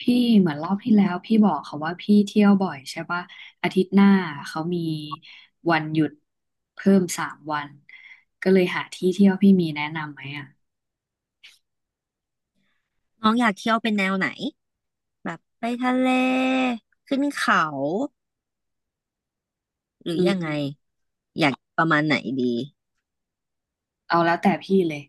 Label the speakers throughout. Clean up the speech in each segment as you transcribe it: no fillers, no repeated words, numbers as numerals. Speaker 1: พี่เหมือนรอบที่แล้วพี่บอกเขาว่าพี่เที่ยวบ่อยใช่ปะอาทิตย์หน้าเขามีวันหยุดเพิ่ม3 วันก็เลยหาที่เที่ยวพี่มีแนะนำไหมอ่ะ
Speaker 2: น้องอยากเที่ยวเป็นแนวไหนแบบไปทะเลขึ้นเขาหรือ
Speaker 1: อื
Speaker 2: ยังไง
Speaker 1: ม
Speaker 2: อยากประมาณไหนดี
Speaker 1: เอาแล้วแต่พี่เลย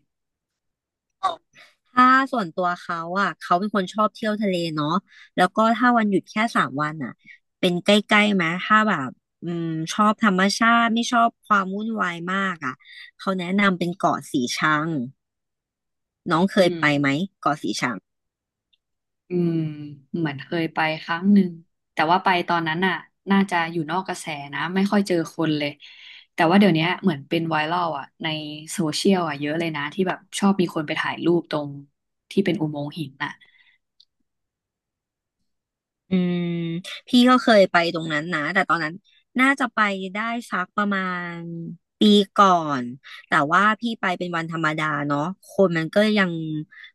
Speaker 2: ถ้าส่วนตัวเขาอ่ะเขาเป็นคนชอบเที่ยวทะเลเนาะแล้วก็ถ้าวันหยุดแค่สามวันอ่ะเป็นใกล้ๆไหมถ้าแบบอืมชอบธรรมชาติไม่ชอบความวุ่นวายมากอ่ะเขาแนะนำเป็นเกาะสีชัง
Speaker 1: อืมอืมเหมือนเคยไปครั้งหนึ่งแต่ว่าไปตอนนั้นน่ะน่าจะอยู่นอกกระแสนะไม่ค่อยเจอคนเลยแต่ว่าเดี๋ยวนี้เหมือนเป็นไวรัลอ่ะในโซเชียลอ่ะเยอะเลยนะที่แบบชอบมีคนไปถ่ายรูปตรงที่เป็นอุโมงค์หินน่ะ
Speaker 2: อืมพี่ก็เคยไปตรงนั้นนะแต่ตอนนั้นน่าจะไปได้สักประมาณปีก่อนแต่ว่าพี่ไปเป็นวันธรรมดาเนาะคนมันก็ยัง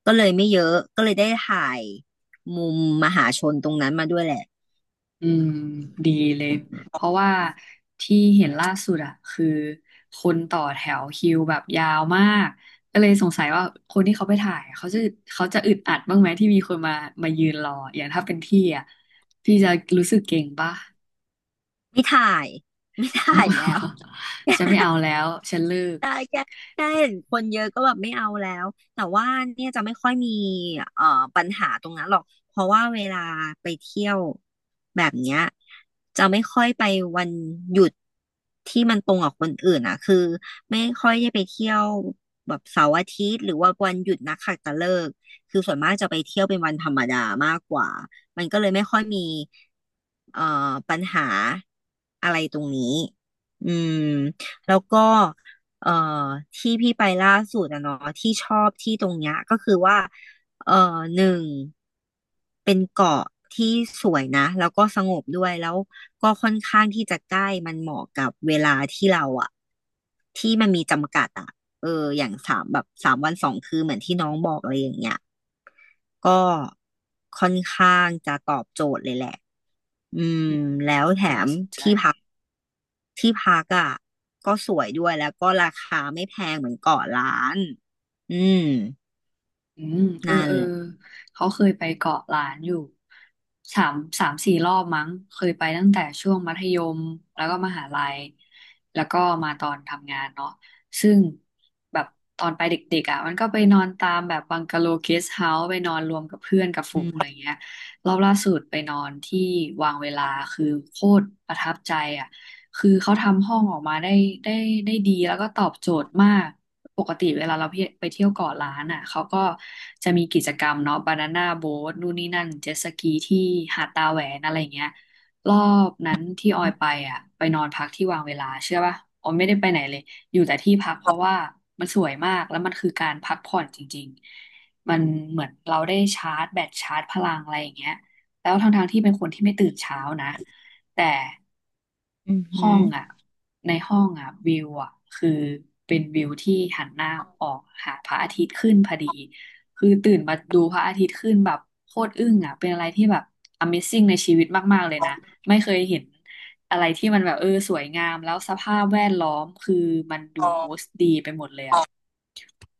Speaker 2: ก็เลยไม่เยอะก็เลยได้ถ่ายมุมมหาชนตรงนั้นมาด้วยแหละ
Speaker 1: อืมดีเลยเพราะว่าที่เห็นล่าสุดอะคือคนต่อแถวคิวแบบยาวมากก็เลยสงสัยว่าคนที่เขาไปถ่ายเขาจะเขาจะอึดอัดบ้างไหมที่มีคนมามายืนรออย่างถ้าเป็นพี่อะพี่จะรู้สึกเก่งป่ะ
Speaker 2: ไม่ถ่ายไม่ถ่ายแล้ว
Speaker 1: ฉันไม่เอาแล้วฉันเลิก
Speaker 2: ได้แค่แค่เห็นคนเยอะก็แบบไม่เอาแล้วแต่ว่าเนี่ยจะไม่ค่อยมีเอ่อปัญหาตรงนั้นหรอกเพราะว่าเวลาไปเที่ยวแบบเนี้ยจะไม่ค่อยไปวันหยุดที่มันตรงกับคนอื่นอ่ะคือไม่ค่อยได้ไปเที่ยวแบบเสาร์อาทิตย์หรือว่าวันหยุดนักขัตฤกษ์คือส่วนมากจะไปเที่ยวเป็นวันธรรมดามากกว่ามันก็เลยไม่ค่อยมีเอ่อปัญหาอะไรตรงนี้อืมแล้วก็ เอ่อที่พี่ไปล่าสุดอะเนาะที่ชอบที่ตรงเนี้ยก็คือว่าเอ่อหนึ่งเป็นเกาะที่สวยนะแล้วก็สงบด้วยแล้วก็ค่อนข้างที่จะใกล้มันเหมาะกับเวลาที่เราอะที่มันมีจำกัดอะเอออย่างสามแบบสามวันสองคืนเหมือนที่น้องบอกอะไรอย่างเงี้ยก็ค่อนข้างจะตอบโจทย์เลยแหละอืมแล้วแถ
Speaker 1: น่า
Speaker 2: ม
Speaker 1: สนใจ
Speaker 2: ที่พัก ที่พักอ่ะก็สวยด้วยแล้วก็ราคาไม่แพงเหมือนเกาะล้านอืม
Speaker 1: อืมเออ
Speaker 2: นั่น
Speaker 1: เออ
Speaker 2: แหละ
Speaker 1: เขาเคยไปเกาะล้านอยู่สามสามสี่รอบมั้งเคยไปตั้งแต่ช่วงมัธยมแล้วก็มหาลัยแล้วก็มาตอนทำงานเนาะซึ่งแบบตอนไปเด็กๆอ่ะมันก็ไปนอนตามแบบบังกะโลเกสเฮาส์ไปนอนรวมกับเพื่อนกับฝู
Speaker 2: อื
Speaker 1: ง
Speaker 2: ม
Speaker 1: อะไรเงี้ยรอบล่าสุดไปนอนที่วางเวลาคือโคตรประทับใจ คือเขาทำห้องออกมาได้ได้ดีแล้วก็ตอบโจทย์มากปกติเวลาเราไปเที่ยวเกาะล้านอ่ะเขาก็จะมีกิจกรรมเนาะบานาน่าโบ๊ทนู่นนี่นั่นเจ็ตสกีที่หาดตาแหวนอะไรอย่างเงี้ยรอบนั้นที่ออยไปอ่ะไปนอนพักที่วางเวลาเชื่อป่ะออยไม่ได้ไปไหนเลยอยู่แต่ที่พักเพราะว่ามันสวยมากแล้วมันคือการพักผ่อนจริงๆมันเหมือนเราได้ชาร์จแบตชาร์จพลังอะไรอย่างเงี้ยแล้วทั้งๆที่เป็นคนที่ไม่ตื่นเช้านะแต่
Speaker 2: อือหื
Speaker 1: ห้อ
Speaker 2: อ
Speaker 1: งอ่ะ ในห้องอ่ะวิวอ่ะคือเป็นวิวที่หันหน้าออกหาพระอาทิตย์ขึ้นพอดีคือตื่นมาดูพระอาทิตย์ขึ้นแบบโคตรอึ้งอ่ะเป็นอะไรที่แบบ Amazing ในชีวิตมากๆเลยนะไม่เคยเห็นอะไรที่มันแบบเออสวยงามแล้วสภาพแวดล้อมคือมันดู
Speaker 2: อ๋อ
Speaker 1: บูสต์ดีไปหมดเลยอ่ะ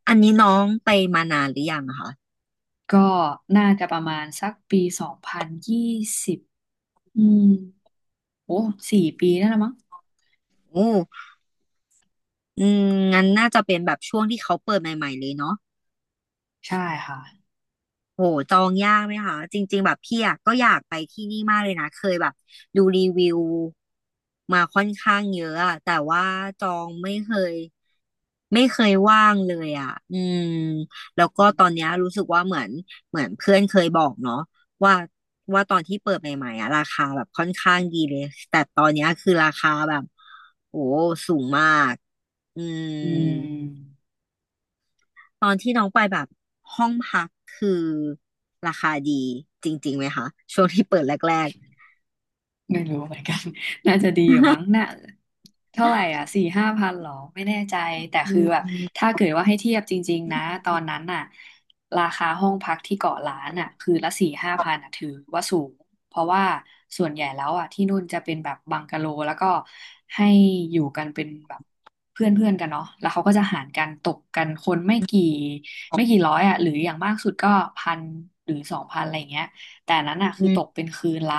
Speaker 2: อันนี้น้องไปมานานหรือยังอะคะ
Speaker 1: ก็น่าจะประมาณสักปี2020อืมโอ้4 ปีนั่นละมั้ง
Speaker 2: โอ้อืมงั้นน่าจะเป็นแบบช่วงที่เขาเปิดใหม่ๆเลยเนาะ
Speaker 1: ใช่ค่ะ
Speaker 2: โหจองยากไหมคะจริงๆแบบพี่อะก็อยากไปที่นี่มากเลยนะเคยแบบดูรีวิวมาค่อนข้างเยอะอะแต่ว่าจองไม่เคย ไม่เคยว่างเลยอ่ะอืมแล้วก็ตอนเนี้ยรู้สึกว่าเหมือนเพื่อนเคยบอกเนาะว่าว่าตอนที่เปิดใหม่ๆอ่ะราคาแบบค่อนข้างดีเลย แต่ตอนเนี้ยคือราคาแบบโอ้สูงมากอืม
Speaker 1: อืม
Speaker 2: ตอนที่น้องไปแบบห้องพักคือราคาดีจริงๆไหมคะช่วงที่เปิดแรก
Speaker 1: ไม่รู้เหมือนกัน น่าจะดีอยู่มั้งน่ะเท่าไหร่อ่ะสี่ห้าพันหรอไม่แน่ใจแต่
Speaker 2: ๆอื
Speaker 1: คือแบบ
Speaker 2: ม
Speaker 1: ถ้าเกิดว่าให้เทียบจริงๆนะตอนนั้นน่ะราคาห้องพักที่เกาะล้านอ่ะคือละสี่ห้าพันอ่ะถือว่าสูงเพราะว่าส่วนใหญ่แล้วอ่ะที่นู่นจะเป็นแบบบังกะโลแล้วก็ให้อยู่กันเป็นแบบเพื่อนเพื่อนกันเนาะแล้วเขาก็จะหารกันตกกันคนไม่กี่ร้อยอ่ะหรืออย่างมากสุดก็พันหรือสองพันอะไรอย่างเงี้ยแต่อันนั้นอ่ะคือตกเป็นคืนละ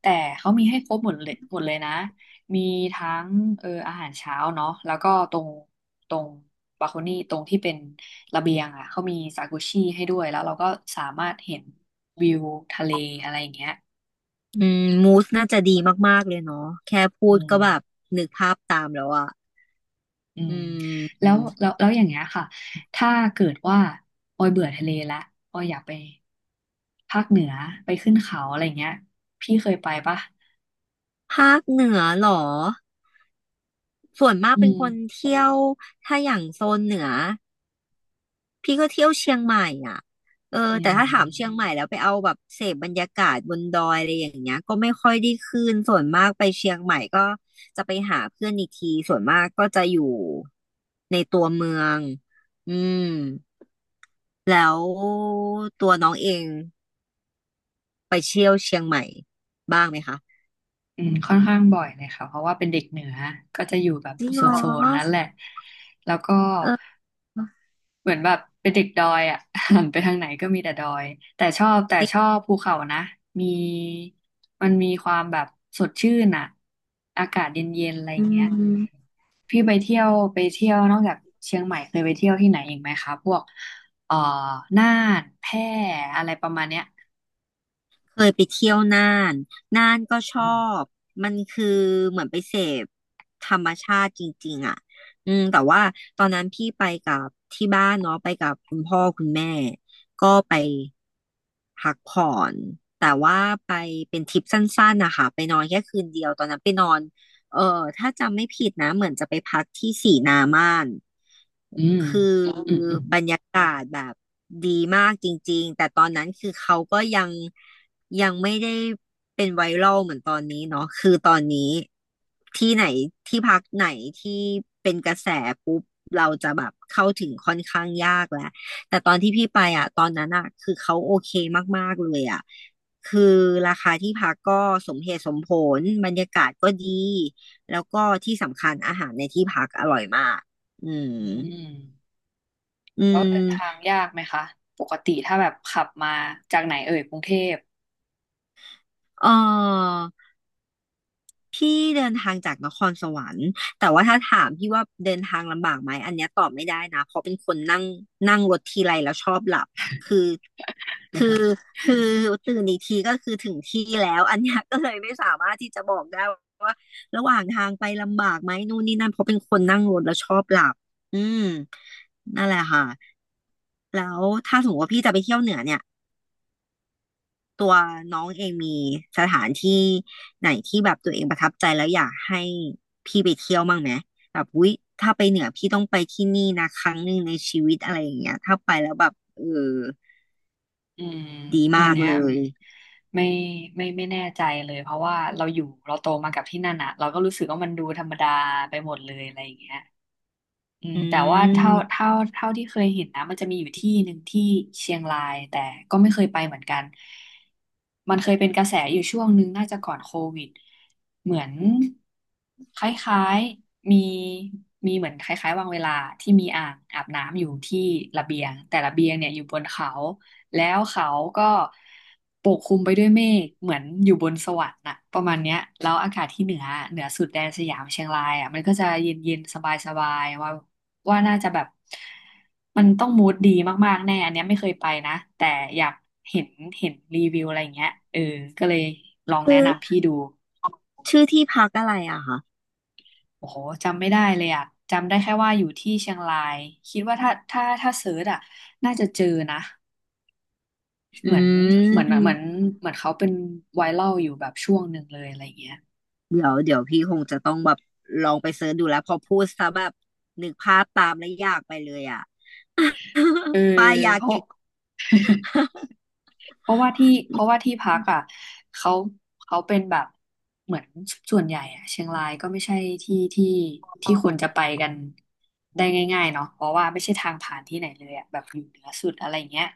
Speaker 1: แต่เขามีให้ครบหมดเลยหมดเลยนะมีทั้งเอออาหารเช้าเนาะแล้วก็ตรงบาโคนี่ตรงที่เป็นระเบียงอ่ะเขามีซากุชิให้ด้วยแล้วเราก็สามารถเห็นวิวทะเลอะไรอย่างเงี้ย
Speaker 2: อืมมูสน่าจะดีมากๆเลยเนาะแค่พู
Speaker 1: อื
Speaker 2: ด
Speaker 1: ม
Speaker 2: ก็แบบนึกภาพตามแล้วอ่ะ
Speaker 1: อื
Speaker 2: อื
Speaker 1: ม
Speaker 2: ม
Speaker 1: แล้วอย่างเงี้ยค่ะถ้าเกิดว่าออยเบื่อทะเลละออยอยากไปภาคเหนือไปขึ้นเขาอะไรเงี้ยพี่เคยไปปะ
Speaker 2: ภาคเหนือเหรอส่วนมาก
Speaker 1: อื
Speaker 2: เป็น
Speaker 1: ม
Speaker 2: คนเที่ยวถ้าอย่างโซนเหนือพี่ก็เที่ยวเชียงใหม่อ่ะเออ
Speaker 1: อื
Speaker 2: แต่ถ้าถามเชียงให
Speaker 1: ม
Speaker 2: ม่แล้วไปเอาแบบเสพบรรยากาศบนดอยอะไรอย่างเงี้ยก็ไม่ค่อยได้ขึ้นส่วนมากไปเชียงใหม่ก็จะไปหาเพื่อนอีกทีส่วนมากก็จะอยู่ในตัวเมืองอืมแล้วตัวน้องเองไปเที่ยวเชียงใหม่บ้างไหมคะ
Speaker 1: อืมค่อนข้างบ่อยเลยค่ะเพราะว่าเป็นเด็กเหนือก็จะอยู่แบบ
Speaker 2: จริง
Speaker 1: โซ
Speaker 2: เหร
Speaker 1: นโซนนั้นแห
Speaker 2: อ
Speaker 1: ละแล้วก็
Speaker 2: เออ
Speaker 1: เหมือนแบบเป็นเด็กดอยอ่ะ หันไปทางไหนก็มีแต่ดอยแต่ชอบแต่ชอบภูเขานะมีมันมีความแบบสดชื่นอ่ะอากาศเย็นๆอะไรอ
Speaker 2: อื
Speaker 1: ย่างเงี้ย
Speaker 2: ม
Speaker 1: พี่ไปเที่ยวนอกจากเชียงใหม่เคยไปเที่ยวที่ไหนอีกไหมคะพวกเอ่อน่านแพร่อะไรประมาณเนี้ย
Speaker 2: เคยไปเที่ยวน่านน่านก็ช
Speaker 1: อื
Speaker 2: อบ
Speaker 1: ม
Speaker 2: มันคือเหมือนไปเสพธรรมชาติจริงๆอ่ะอืมแต่ว่าตอนนั้นพี่ไปกับที่บ้านเนาะไปกับคุณพ่อคุณแม่ ก็ไปพักผ่อน แต่ว่าไปเป็นทริปสั้นๆนะคะไปนอนแค่คืนเดียว ตอนนั้นไปนอน เออถ้าจำไม่ผิดนะเหมือนจะไปพักที่สีนาม่าน
Speaker 1: อืม
Speaker 2: คือ
Speaker 1: อืมอืม
Speaker 2: บรรยากาศแบบดีมากจริงๆแต่ตอนนั้นคือเขาก็ยังยังไม่ได้เป็นไวรัลเหมือนตอนนี้เนาะคือตอนนี้ที่ไหนที่พักไหนที่เป็นกระแสปุ๊บเราจะแบบเข้าถึงค่อนข้างยากแล้วแต่ตอนที่พี่ไปอ่ะตอนนั้นอ่ะคือเขาโอเคมากๆเลยอ่ะคือราคาที่พักก็สมเหตุสมผลบรรยากาศก็ดี แล้วก็ที่สำคัญอาหารในที่พักอร่อยมากอืม
Speaker 1: อืม
Speaker 2: อื
Speaker 1: แล้วเดินทาง
Speaker 2: ม
Speaker 1: ยากไหมคะปกติถ้าแบบขับมาจากไหนเอ่ยกรุงเทพ
Speaker 2: เออ พี่เดินทางจากนครสวรรค์แต่ว่าถ้าถามพี่ว่าเดินทางลำบากไหมอันเนี้ยตอบไม่ได้นะเพราะเป็นคนนั่งนั่งรถทีไรแล้วชอบหลับคือคือคือตื่นอีกทีก็คือถึงที่แล้วอันเนี้ยก็เลยไม่สามารถที่จะบอกได้ว่าระหว่างทางไปลำบากไหมนู่นนี่นั่นเพราะเป็นคนนั่งรถแล้วชอบหลับอืมนั่นแหละค่ะแล้วถ้าสมมติว่าพี่จะไปเที่ยวเหนือเนี่ย ตัวน้องเองมีสถานที่ไหนที่แบบตัวเองประทับใจแล้วอยากให้พี่ไปเที่ยวบ้างไหมแบบอุ๊ยถ้าไปเหนือพี่ต้องไปที่นี่นะครั้งหนึ่งในชีวิตอะไรอย่างเงี้ยถ้าไปแล้วแบบเออ
Speaker 1: อืม
Speaker 2: ดีอื
Speaker 1: อั
Speaker 2: มา
Speaker 1: น
Speaker 2: กม
Speaker 1: เนี้ย
Speaker 2: เลย
Speaker 1: ไม่ไม่แน่ใจเลยเพราะว่าเราอยู่เราโตมากับที่นั่นอะเราก็รู้สึกว่ามันดูธรรมดาไปหมดเลยอะไรอย่างเงี้ย อืม
Speaker 2: อื
Speaker 1: แต่ว่าเท่า
Speaker 2: ม
Speaker 1: เท่าเท่าที่เคยเห็นนะมันจะมีอยู่ที่หนึ่งที่เชียงรายแต่ก็ไม่เคยไปเหมือนกันมันเคยเป็นกระแสอยู่ช่วงหนึงน่าจะก่อนโควิดเหมือนคล้ายๆมีเหมือนคล้ายๆวางเวลาที่มีอ่างอาบน้ำอยู่ที่ระเบียงแต่ระเบียงเนี่ยอยู่บนเขาแล้วเขาก็ปกคลุมไปด้วยเมฆเหมือนอยู่บนสวรรค์น่ะประมาณเนี้ยแล้วอากาศที่เหนือสุดแดนสยามเชียงรายอ่ะมันก็จะเย็นๆสบายๆว่าน่าจะแบบมันต้องมูดดีมากๆแน่อันเนี้ยไม่เคยไปนะแต่อยากเห็นเห็นรีวิวอะไรอย่างเงี้ยเออก็เลยลอง
Speaker 2: อื
Speaker 1: แนะ
Speaker 2: ม
Speaker 1: นำ
Speaker 2: คือ
Speaker 1: พี่ดู
Speaker 2: ชื่อที่พักอะไรอะคะ
Speaker 1: โอ้โหจำไม่ได้เลยอ่ะจำได้แค่ว่าอยู่ที่เชียงรายคิดว่าถ้าเสิร์ชอ่ะน่าจะเจอนะ
Speaker 2: อื
Speaker 1: เหมือนเหมือนเหมือน
Speaker 2: ม
Speaker 1: เหมือนเขาเป็นไวรัลอยู่แบบช่วงหนึ่งเลยอะไรอย่างเงี้ย
Speaker 2: เดี๋ยวพี่คงจะต้องแบบลองไปเสิร์ชดูแล้วพอพูดซะแบบนึกภาพตามแล้วอยากไปเลยอะ
Speaker 1: เออ
Speaker 2: ปายยา
Speaker 1: เพราะ
Speaker 2: เกะ
Speaker 1: เพราะว่าที่พักอ่ะเขาเขาเป็นแบบเหมือนส่วนใหญ่อ่ะเชียงรายก็ไม่ใช่ที่ที่ที่คนจะไปกันได้ง่ายๆเนาะเพราะว่าไม่ใช่ทางผ่านที่ไหนเลยอ่ะแบบอยู่เหนือสุดอะไรเงี้ย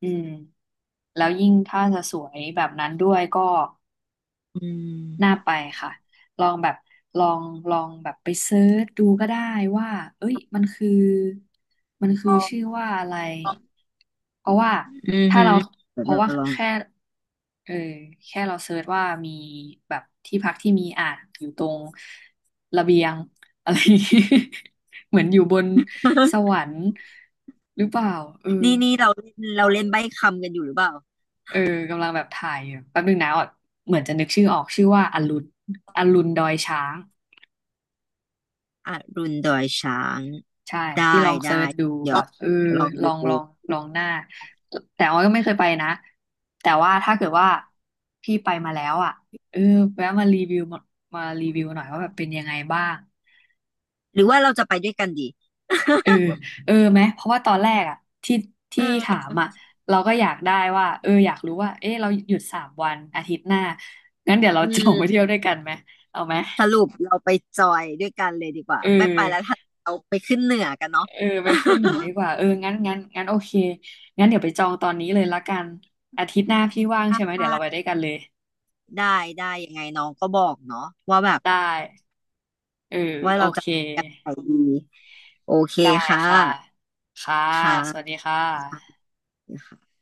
Speaker 1: อืมแล้วยิ่งถ้าจะสวยแบบนั้นด้วยก็
Speaker 2: อื
Speaker 1: น่า
Speaker 2: ม
Speaker 1: ไปค่ะลองแบบลองลองแบบไปเซิร์ชดูก็ได้ว่าเอ้ยมันคือชื่อว่าอะไรเพราะว่า
Speaker 2: อือ
Speaker 1: ถ้า
Speaker 2: หื
Speaker 1: เรา
Speaker 2: อเดี๋ย
Speaker 1: เพ
Speaker 2: ว
Speaker 1: ราะ
Speaker 2: จะ
Speaker 1: ว่า
Speaker 2: ลอง
Speaker 1: แค่เออแค่เราเซิร์ชว่ามีแบบที่พักที่มีอ่างอยู่ตรงระเบียงอะไรอย่างงี้ เหมือนอยู่บนส วรรค์หรือเปล่าเออ
Speaker 2: นี่เราเล่นใบ้คำกันอยู่หรือเปล่า
Speaker 1: เออกำลังแบบถ่ายอยู่แป๊บนึงนะอ่ะเหมือนจะนึกชื่อออกชื่อว่าอรุณดอยช้าง
Speaker 2: อรุณดอยช้าง
Speaker 1: ใช่พี่
Speaker 2: ได้
Speaker 1: ลองเซิ
Speaker 2: ได้
Speaker 1: ร์ชดู
Speaker 2: เดี๋
Speaker 1: แบ
Speaker 2: ยว
Speaker 1: บเออ
Speaker 2: ลอง
Speaker 1: ลอ
Speaker 2: ดู
Speaker 1: งลองลองหน้าแต่ว่าก็ไม่เคยไปนะแต่ว่าถ้าเกิดว่าพี่ไปมาแล้วอ่ะเออแวะมารีวิวมามารีวิวหน่อยว่าแบบเป็นยังไงบ้าง
Speaker 2: หรือว่าเราจะไปด้วยกันดี
Speaker 1: เออเออไหมเพราะว่าตอนแรกอ่ะที่
Speaker 2: เอ
Speaker 1: ถา
Speaker 2: อ
Speaker 1: มอ่ะเราก็อยากได้ว่าเอออยากรู้ว่าเออเราหยุด3 วันอาทิตย์หน้างั้นเดี๋ยวเรา
Speaker 2: อื
Speaker 1: จอง
Speaker 2: ม
Speaker 1: ไปเที่ยวด้วยกันไหมเอาไหม
Speaker 2: สรุปเราไปจอยด้วยกันเลยดีกว่า
Speaker 1: เออ
Speaker 2: ไม่ไปแล้วถ้าเราไปขึ้นเหนือกันเนาะ
Speaker 1: เออไปขึ้นเหนือดีกว่าเอองั้นโอเคงั้นเดี๋ยวไปจองตอนนี้เลยละกันอาทิตย์หน้าพี่ว่างใช่ไหมเดี๋ย วเราไปด้วยกันเลย
Speaker 2: ได้ได้ยังไงน้องก็บอกเนาะว่าแบบ
Speaker 1: ได้เออ
Speaker 2: ว่า
Speaker 1: โอ
Speaker 2: เราจะ
Speaker 1: เค
Speaker 2: ไปดีโอเค
Speaker 1: ได้
Speaker 2: ค่ะ
Speaker 1: ค่ะค่ะ
Speaker 2: ค่ะ
Speaker 1: สวัสดีค่ะ
Speaker 2: ค่ะ